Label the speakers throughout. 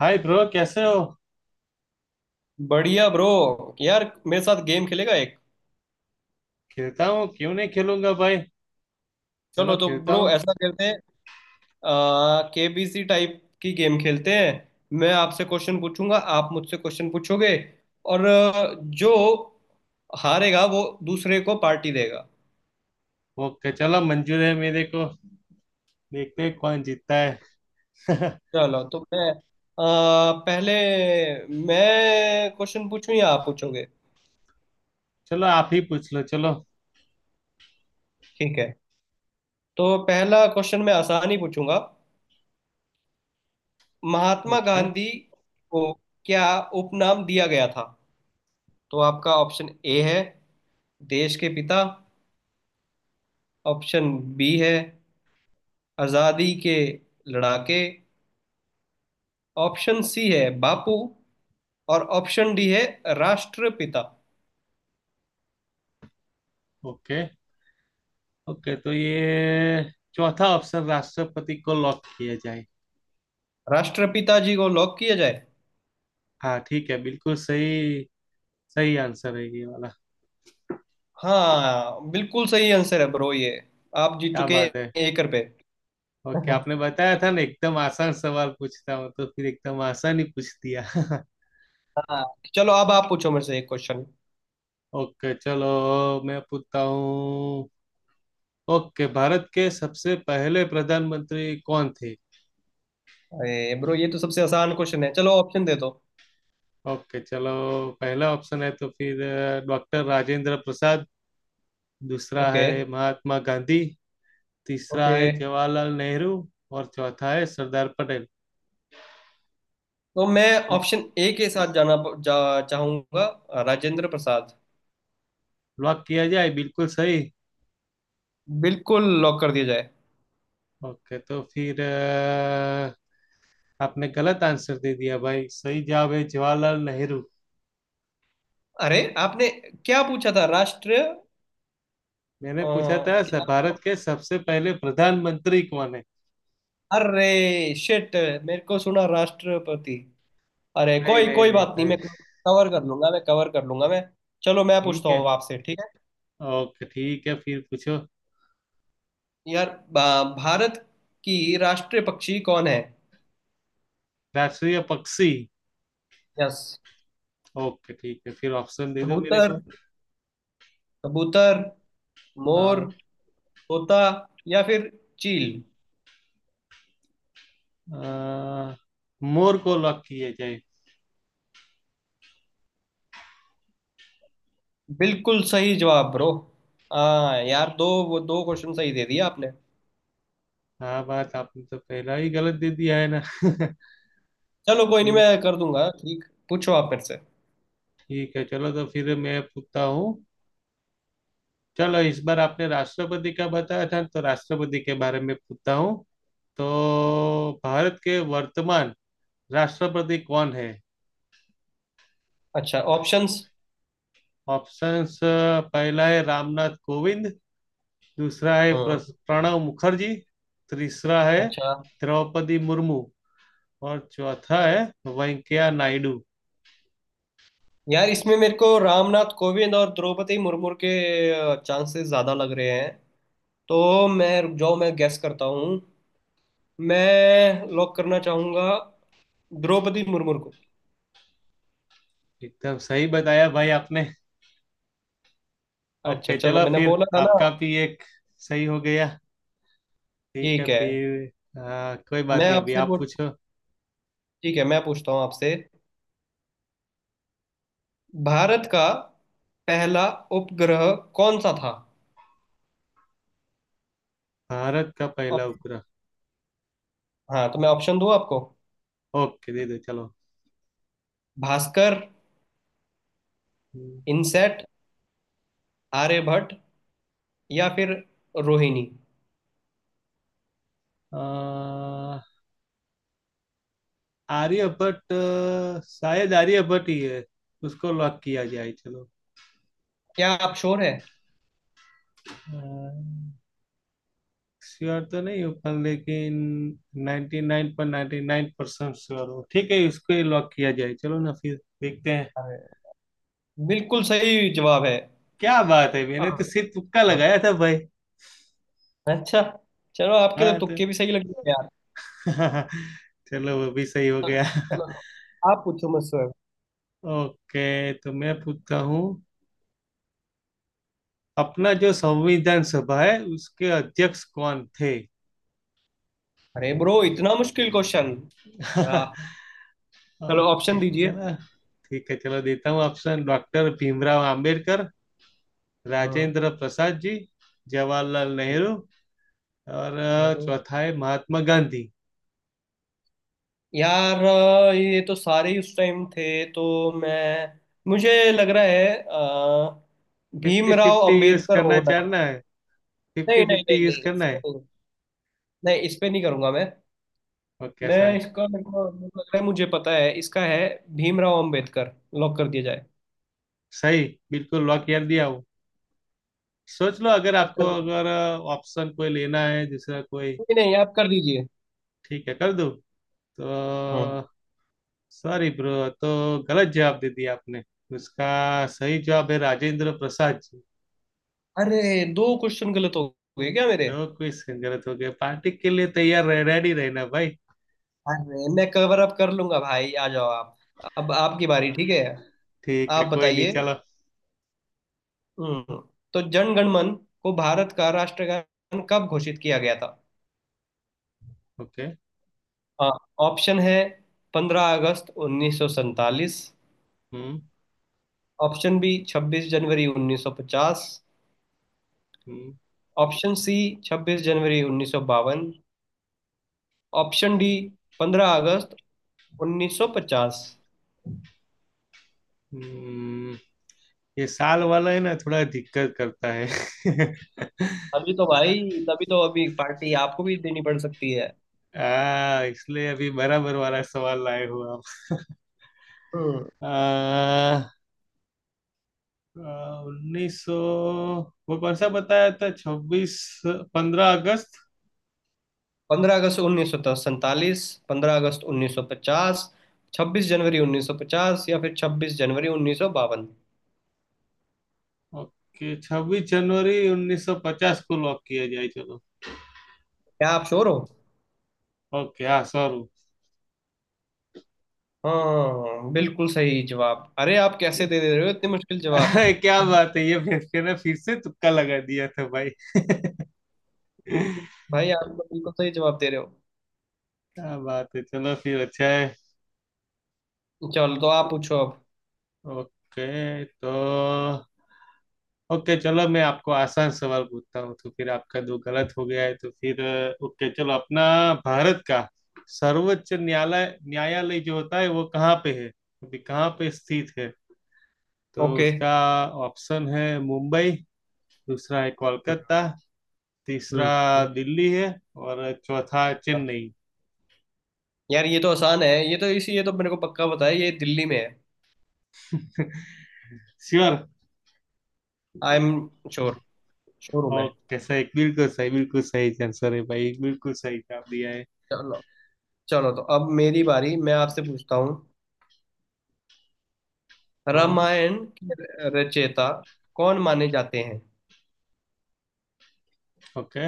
Speaker 1: हाय bro कैसे हो।
Speaker 2: बढ़िया ब्रो। यार मेरे साथ गेम खेलेगा एक।
Speaker 1: खेलता हूँ क्यों नहीं खेलूंगा भाई।
Speaker 2: चलो
Speaker 1: चलो
Speaker 2: तो
Speaker 1: खेलता
Speaker 2: ब्रो,
Speaker 1: हूँ।
Speaker 2: ऐसा करते हैं। केबीसी टाइप की गेम खेलते हैं। मैं आपसे क्वेश्चन पूछूंगा, आप मुझसे क्वेश्चन पूछोगे, और जो हारेगा वो दूसरे को पार्टी देगा।
Speaker 1: ओके चलो मंजूर है मेरे को। देखते हैं कौन जीतता है।
Speaker 2: चलो तो पहले मैं क्वेश्चन पूछूं या आप पूछोगे?
Speaker 1: चलो आप ही पूछ लो चलो।
Speaker 2: ठीक है। तो पहला क्वेश्चन मैं आसान ही पूछूंगा। महात्मा
Speaker 1: ओके।
Speaker 2: गांधी को क्या उपनाम दिया गया था? तो आपका ऑप्शन ए है देश के पिता। ऑप्शन बी है आजादी के लड़ाके। ऑप्शन सी है बापू। और ऑप्शन डी है राष्ट्रपिता।
Speaker 1: ओके ओके तो ये चौथा ऑप्शन राष्ट्रपति को लॉक किया जाए।
Speaker 2: राष्ट्रपिता जी को लॉक किया जाए।
Speaker 1: हाँ ठीक है बिल्कुल सही। सही आंसर है ये वाला।
Speaker 2: हाँ, बिल्कुल सही आंसर है ब्रो ये। आप जीत
Speaker 1: क्या
Speaker 2: चुके हैं
Speaker 1: बात है।
Speaker 2: 1 रुपए।
Speaker 1: ओके आपने बताया था ना एकदम आसान सवाल पूछता हूँ तो फिर एकदम आसान ही पूछ दिया।
Speaker 2: हाँ। चलो अब आप पूछो मेरे से एक क्वेश्चन।
Speaker 1: ओके चलो मैं पूछता हूँ। ओके भारत के सबसे पहले प्रधानमंत्री कौन थे।
Speaker 2: अरे ब्रो, ये तो सबसे आसान क्वेश्चन है, चलो ऑप्शन दे दो।
Speaker 1: ओके चलो। पहला ऑप्शन है तो फिर डॉक्टर राजेंद्र प्रसाद। दूसरा
Speaker 2: ओके।
Speaker 1: है महात्मा गांधी। तीसरा
Speaker 2: ओके,
Speaker 1: है जवाहरलाल नेहरू। और चौथा है सरदार पटेल।
Speaker 2: तो मैं ऑप्शन
Speaker 1: इस-
Speaker 2: ए के साथ जाना चाहूंगा, राजेंद्र प्रसाद।
Speaker 1: लॉक किया जाए बिल्कुल सही।
Speaker 2: बिल्कुल लॉक कर दिया जाए।
Speaker 1: ओके तो फिर आपने गलत आंसर दे दिया भाई। सही जवाब है जवाहरलाल नेहरू।
Speaker 2: अरे आपने क्या पूछा था, राष्ट्र
Speaker 1: मैंने पूछा था
Speaker 2: क्या?
Speaker 1: भारत के सबसे पहले प्रधानमंत्री कौन है।
Speaker 2: अरे शिट, मेरे को सुना राष्ट्रपति। अरे,
Speaker 1: नहीं
Speaker 2: कोई
Speaker 1: नहीं
Speaker 2: कोई
Speaker 1: नहीं
Speaker 2: बात नहीं,
Speaker 1: भाई।
Speaker 2: मैं कवर कर लूंगा, मैं कवर कर लूंगा मैं। चलो मैं पूछता
Speaker 1: ठीक है।
Speaker 2: हूँ आपसे, ठीक है?
Speaker 1: ओके ठीक है फिर पूछो।
Speaker 2: यार, भारत की राष्ट्रीय पक्षी कौन है?
Speaker 1: राष्ट्रीय पक्षी।
Speaker 2: यस।
Speaker 1: ओके ठीक है फिर ऑप्शन दे दो मेरे
Speaker 2: कबूतर
Speaker 1: को।
Speaker 2: कबूतर मोर,
Speaker 1: हाँ।
Speaker 2: तोता, या फिर चील।
Speaker 1: अ, मोर को लॉक किया जाए।
Speaker 2: बिल्कुल सही जवाब ब्रो। हाँ यार, दो वो दो क्वेश्चन सही दे दिया आपने।
Speaker 1: हाँ बात आपने तो पहला ही गलत दे दिया है ना।
Speaker 2: चलो कोई नहीं,
Speaker 1: ठीक।
Speaker 2: मैं कर दूंगा ठीक। पूछो आप मेरे से।
Speaker 1: ठीक है चलो तो फिर मैं पूछता हूँ। चलो इस बार आपने राष्ट्रपति का बताया था तो राष्ट्रपति के बारे में पूछता हूँ। तो भारत के वर्तमान राष्ट्रपति कौन है।
Speaker 2: अच्छा, ऑप्शंस।
Speaker 1: ऑप्शंस पहला है रामनाथ कोविंद। दूसरा है
Speaker 2: हाँ।
Speaker 1: प्रणव मुखर्जी। तीसरा है
Speaker 2: अच्छा।
Speaker 1: द्रौपदी मुर्मू। और चौथा है वेंकैया नायडू।
Speaker 2: यार, इसमें मेरे को रामनाथ कोविंद और द्रौपदी मुर्मू के चांसेस ज्यादा लग रहे हैं। तो मैं, रुक जाओ, मैं गैस करता हूँ। मैं लॉक करना चाहूंगा द्रौपदी मुर्मू को।
Speaker 1: एकदम सही बताया भाई आपने।
Speaker 2: अच्छा
Speaker 1: ओके
Speaker 2: चलो,
Speaker 1: चलो
Speaker 2: मैंने
Speaker 1: फिर
Speaker 2: बोला था ना।
Speaker 1: आपका भी एक सही हो गया। ठीक है
Speaker 2: ठीक है।
Speaker 1: फिर। हाँ, कोई बात
Speaker 2: मैं
Speaker 1: नहीं अभी
Speaker 2: आपसे
Speaker 1: आप
Speaker 2: पूछ
Speaker 1: पूछो।
Speaker 2: ठीक है, मैं पूछता हूँ आपसे। भारत का पहला उपग्रह कौन सा था?
Speaker 1: भारत का पहला
Speaker 2: ऑप-
Speaker 1: उपग्रह।
Speaker 2: हाँ, तो मैं ऑप्शन दूँ आपको?
Speaker 1: ओके दे दो चलो।
Speaker 2: भास्कर,
Speaker 1: हम्म,
Speaker 2: इनसेट, आर्यभट्ट, या फिर रोहिणी।
Speaker 1: अ, आर्यभट्ट शायद आर्यभट्ट ही है। उसको लॉक किया जाए चलो।
Speaker 2: क्या आप श्योर है?
Speaker 1: आ, श्योर तो नहीं हो पर लेकिन 99.99% श्योर हो। ठीक है इसको ही लॉक किया जाए चलो ना फिर। देखते हैं।
Speaker 2: अरे, बिल्कुल सही जवाब है।
Speaker 1: क्या बात है मैंने तो
Speaker 2: आप-
Speaker 1: सिर्फ तुक्का लगाया था भाई।
Speaker 2: अच्छा, चलो आपके तो
Speaker 1: हाँ तो।
Speaker 2: तुक्के भी सही लग गए यार।
Speaker 1: चलो वो भी सही हो
Speaker 2: हाँ,
Speaker 1: गया।
Speaker 2: चलो आप पूछो मुझसे।
Speaker 1: ओके तो मैं पूछता हूँ। अपना जो संविधान सभा है उसके अध्यक्ष कौन थे।
Speaker 2: अरे ब्रो, इतना मुश्किल क्वेश्चन? वाह। चलो ऑप्शन
Speaker 1: ओके
Speaker 2: दीजिए।
Speaker 1: चलो। ठीक है चलो देता हूँ ऑप्शन डॉक्टर भीमराव आम्बेडकर।
Speaker 2: हम्म
Speaker 1: राजेंद्र प्रसाद जी। जवाहरलाल नेहरू। और
Speaker 2: मैं तो
Speaker 1: चौथा है महात्मा गांधी।
Speaker 2: यार, ये तो सारे ही उस टाइम थे, तो मैं। मुझे लग रहा है
Speaker 1: fifty
Speaker 2: Bhimrao
Speaker 1: fifty use
Speaker 2: Ambedkar
Speaker 1: करना
Speaker 2: होना
Speaker 1: चाहना है। फिफ्टी
Speaker 2: चाहिए। नहीं, नहीं, नहीं,
Speaker 1: फिफ्टी यूज
Speaker 2: नहीं, इस
Speaker 1: करना
Speaker 2: पे
Speaker 1: है।
Speaker 2: नहीं। नहीं, इस पे नहीं करूंगा मैं।
Speaker 1: और
Speaker 2: मैं
Speaker 1: कैसा है।
Speaker 2: इसका, मेरे को लग रहा है, मुझे पता है इसका है। भीमराव अंबेडकर लॉक कर दिया जाए।
Speaker 1: सही। बिल्कुल लॉक कर दिया हूँ। सोच लो अगर आपको
Speaker 2: कर दीजिए।
Speaker 1: अगर ऑप्शन कोई लेना है दूसरा कोई।
Speaker 2: नहीं नहीं, आप कर दीजिए।
Speaker 1: ठीक है कर दो। तो
Speaker 2: हम्म।
Speaker 1: Sorry bro. तो गलत जवाब दे दिया आपने। उसका सही जवाब है राजेंद्र प्रसाद जी।
Speaker 2: अरे, दो क्वेश्चन गलत हो गए क्या मेरे?
Speaker 1: दो क्वेश्चन गलत हो गए पार्टी के लिए तैयार रह रेडी रहना भाई।
Speaker 2: अरे मैं कवर अप कर लूंगा भाई, आ जाओ आप। अब आपकी
Speaker 1: हाँ,
Speaker 2: बारी, ठीक है?
Speaker 1: ठीक है
Speaker 2: आप
Speaker 1: कोई नहीं
Speaker 2: बताइए।
Speaker 1: चलो।
Speaker 2: हम्म तो जन गण मन को भारत का राष्ट्रगान कब घोषित किया गया था?
Speaker 1: ओके।
Speaker 2: हाँ, ऑप्शन है 15 अगस्त 1947।
Speaker 1: हम्म।
Speaker 2: ऑप्शन बी, 26 जनवरी 1950।
Speaker 1: हम्म।
Speaker 2: ऑप्शन सी, 26 जनवरी 1952। ऑप्शन डी, 15 अगस्त 1950।
Speaker 1: हम्म। ये साल वाला है ना थोड़ा दिक्कत करता है।
Speaker 2: अभी तो भाई, तभी तो अभी पार्टी आपको भी देनी पड़ सकती है।
Speaker 1: इसलिए अभी बराबर वाला सवाल लाए हो आप।
Speaker 2: हम्म
Speaker 1: आ, उन्नीस सौ वो कौन सा बताया था छब्बीस 15 अगस्त।
Speaker 2: 15 अगस्त 1947, 15 अगस्त 1950, 26 जनवरी 1950, या फिर 26 जनवरी 1952।
Speaker 1: ओके 26 जनवरी 1950 को लॉक किया जाए चलो।
Speaker 2: क्या आप श्योर हो?
Speaker 1: ओके हाँ सॉरी।
Speaker 2: हाँ बिल्कुल सही जवाब। अरे आप कैसे दे दे रहे हो, इतने मुश्किल जवाब
Speaker 1: क्या
Speaker 2: है?
Speaker 1: बात है ये फिर से तुक्का लगा दिया था भाई। क्या
Speaker 2: भाई आप तो बिल्कुल सही जवाब दे रहे हो।
Speaker 1: बात है चलो फिर अच्छा है।
Speaker 2: चलो तो आप पूछो अब।
Speaker 1: ओके तो। ओके चलो मैं आपको आसान सवाल पूछता हूँ तो फिर आपका दो गलत हो गया है तो फिर ओके चलो अपना। भारत का सर्वोच्च न्यायालय न्यायालय जो होता है वो कहाँ पे है। अभी कहाँ पे स्थित है। तो
Speaker 2: ओके।
Speaker 1: उसका ऑप्शन है मुंबई। दूसरा है कोलकाता। तीसरा
Speaker 2: हम्म
Speaker 1: दिल्ली है। और चौथा चेन्नई।
Speaker 2: यार ये तो आसान है, ये तो मेरे को पक्का पता है ये दिल्ली में है।
Speaker 1: Sure.
Speaker 2: I am sure. Sure हूँ मैं।
Speaker 1: ओके सही बिल्कुल सही बिल्कुल सही आंसर है भाई बिल्कुल सही जवाब दिया है।
Speaker 2: चलो। चलो तो अब मेरी बारी, मैं आपसे पूछता हूँ।
Speaker 1: हाँ।
Speaker 2: रामायण के रचयिता कौन माने जाते हैं?
Speaker 1: ओके।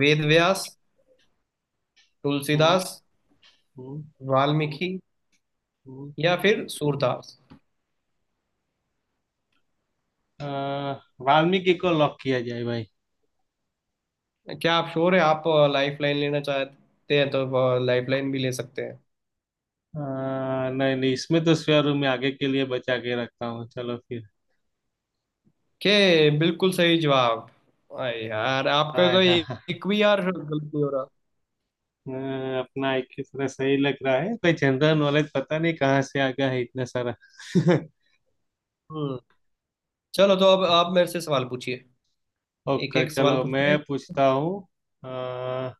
Speaker 2: वेद व्यास,
Speaker 1: हम्म।
Speaker 2: तुलसीदास,
Speaker 1: हम्म।
Speaker 2: वाल्मीकि,
Speaker 1: हम्म।
Speaker 2: या फिर सूरदास।
Speaker 1: अ, वाल्मीकि को लॉक किया जाए भाई।
Speaker 2: क्या आप श्योर है? आप लाइफ लाइन लेना चाहते हैं तो लाइफ लाइन भी ले सकते हैं।
Speaker 1: अ, नहीं नहीं इसमें तो स्वेयर में आगे के लिए बचा के रखता हूँ चलो फिर।
Speaker 2: के, बिल्कुल सही जवाब। अरे यार, आपका
Speaker 1: हाँ
Speaker 2: तो
Speaker 1: हाँ
Speaker 2: एक
Speaker 1: हाँ।
Speaker 2: एक भी यार गलत नहीं हो रहा।
Speaker 1: अपना एक की तरह सही लग रहा है कोई जनरल नॉलेज पता नहीं कहाँ से आ गया है इतना सारा।
Speaker 2: हम्म। चलो तो अब आप मेरे से सवाल पूछिए। एक
Speaker 1: ओके
Speaker 2: एक सवाल
Speaker 1: चलो मैं
Speaker 2: पूछिए।
Speaker 1: पूछता हूँ। अ,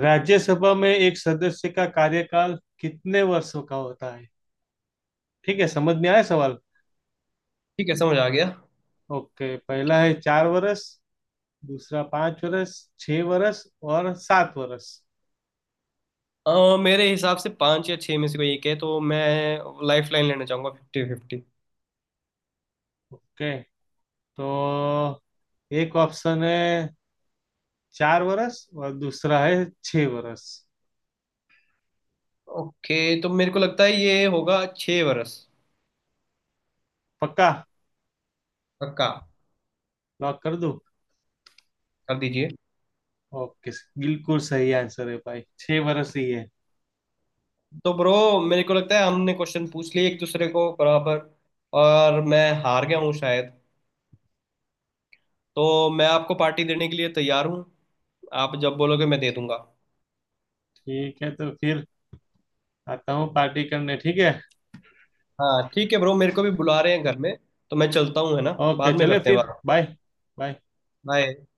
Speaker 1: राज्यसभा में एक सदस्य का कार्यकाल कितने वर्षों का होता है। ठीक है समझ में आया सवाल।
Speaker 2: ठीक है, समझ आ गया।
Speaker 1: ओके पहला है 4 वर्ष। दूसरा 5 वर्ष। 6 वर्ष। और 7 वर्ष।
Speaker 2: मेरे हिसाब से पांच या छह में से कोई एक है, तो मैं लाइफ लाइन लेना चाहूंगा फिफ्टी फिफ्टी।
Speaker 1: ओके तो एक ऑप्शन है 4 वर्ष और दूसरा है 6 वर्ष।
Speaker 2: ओके, तो मेरे को लगता है ये होगा 6 वर्ष।
Speaker 1: पक्का।
Speaker 2: पक्का।
Speaker 1: लॉक कर दूं।
Speaker 2: कर दीजिए।
Speaker 1: ओके। बिल्कुल सही आंसर है भाई 6 वर्ष ही है।
Speaker 2: तो ब्रो, मेरे को लगता है हमने क्वेश्चन पूछ लिए एक दूसरे को बराबर। और मैं हार गया हूँ शायद। तो मैं आपको पार्टी देने के लिए तैयार हूँ। आप जब बोलोगे मैं दे दूंगा।
Speaker 1: ठीक है तो फिर आता हूँ पार्टी करने ठीक है।
Speaker 2: हाँ ठीक है ब्रो, मेरे को भी बुला रहे हैं घर में। तो मैं चलता हूँ, है ना।
Speaker 1: ओके
Speaker 2: बाद में
Speaker 1: चले
Speaker 2: करते हैं
Speaker 1: फिर
Speaker 2: बात।
Speaker 1: बाय। बाय।
Speaker 2: बाय।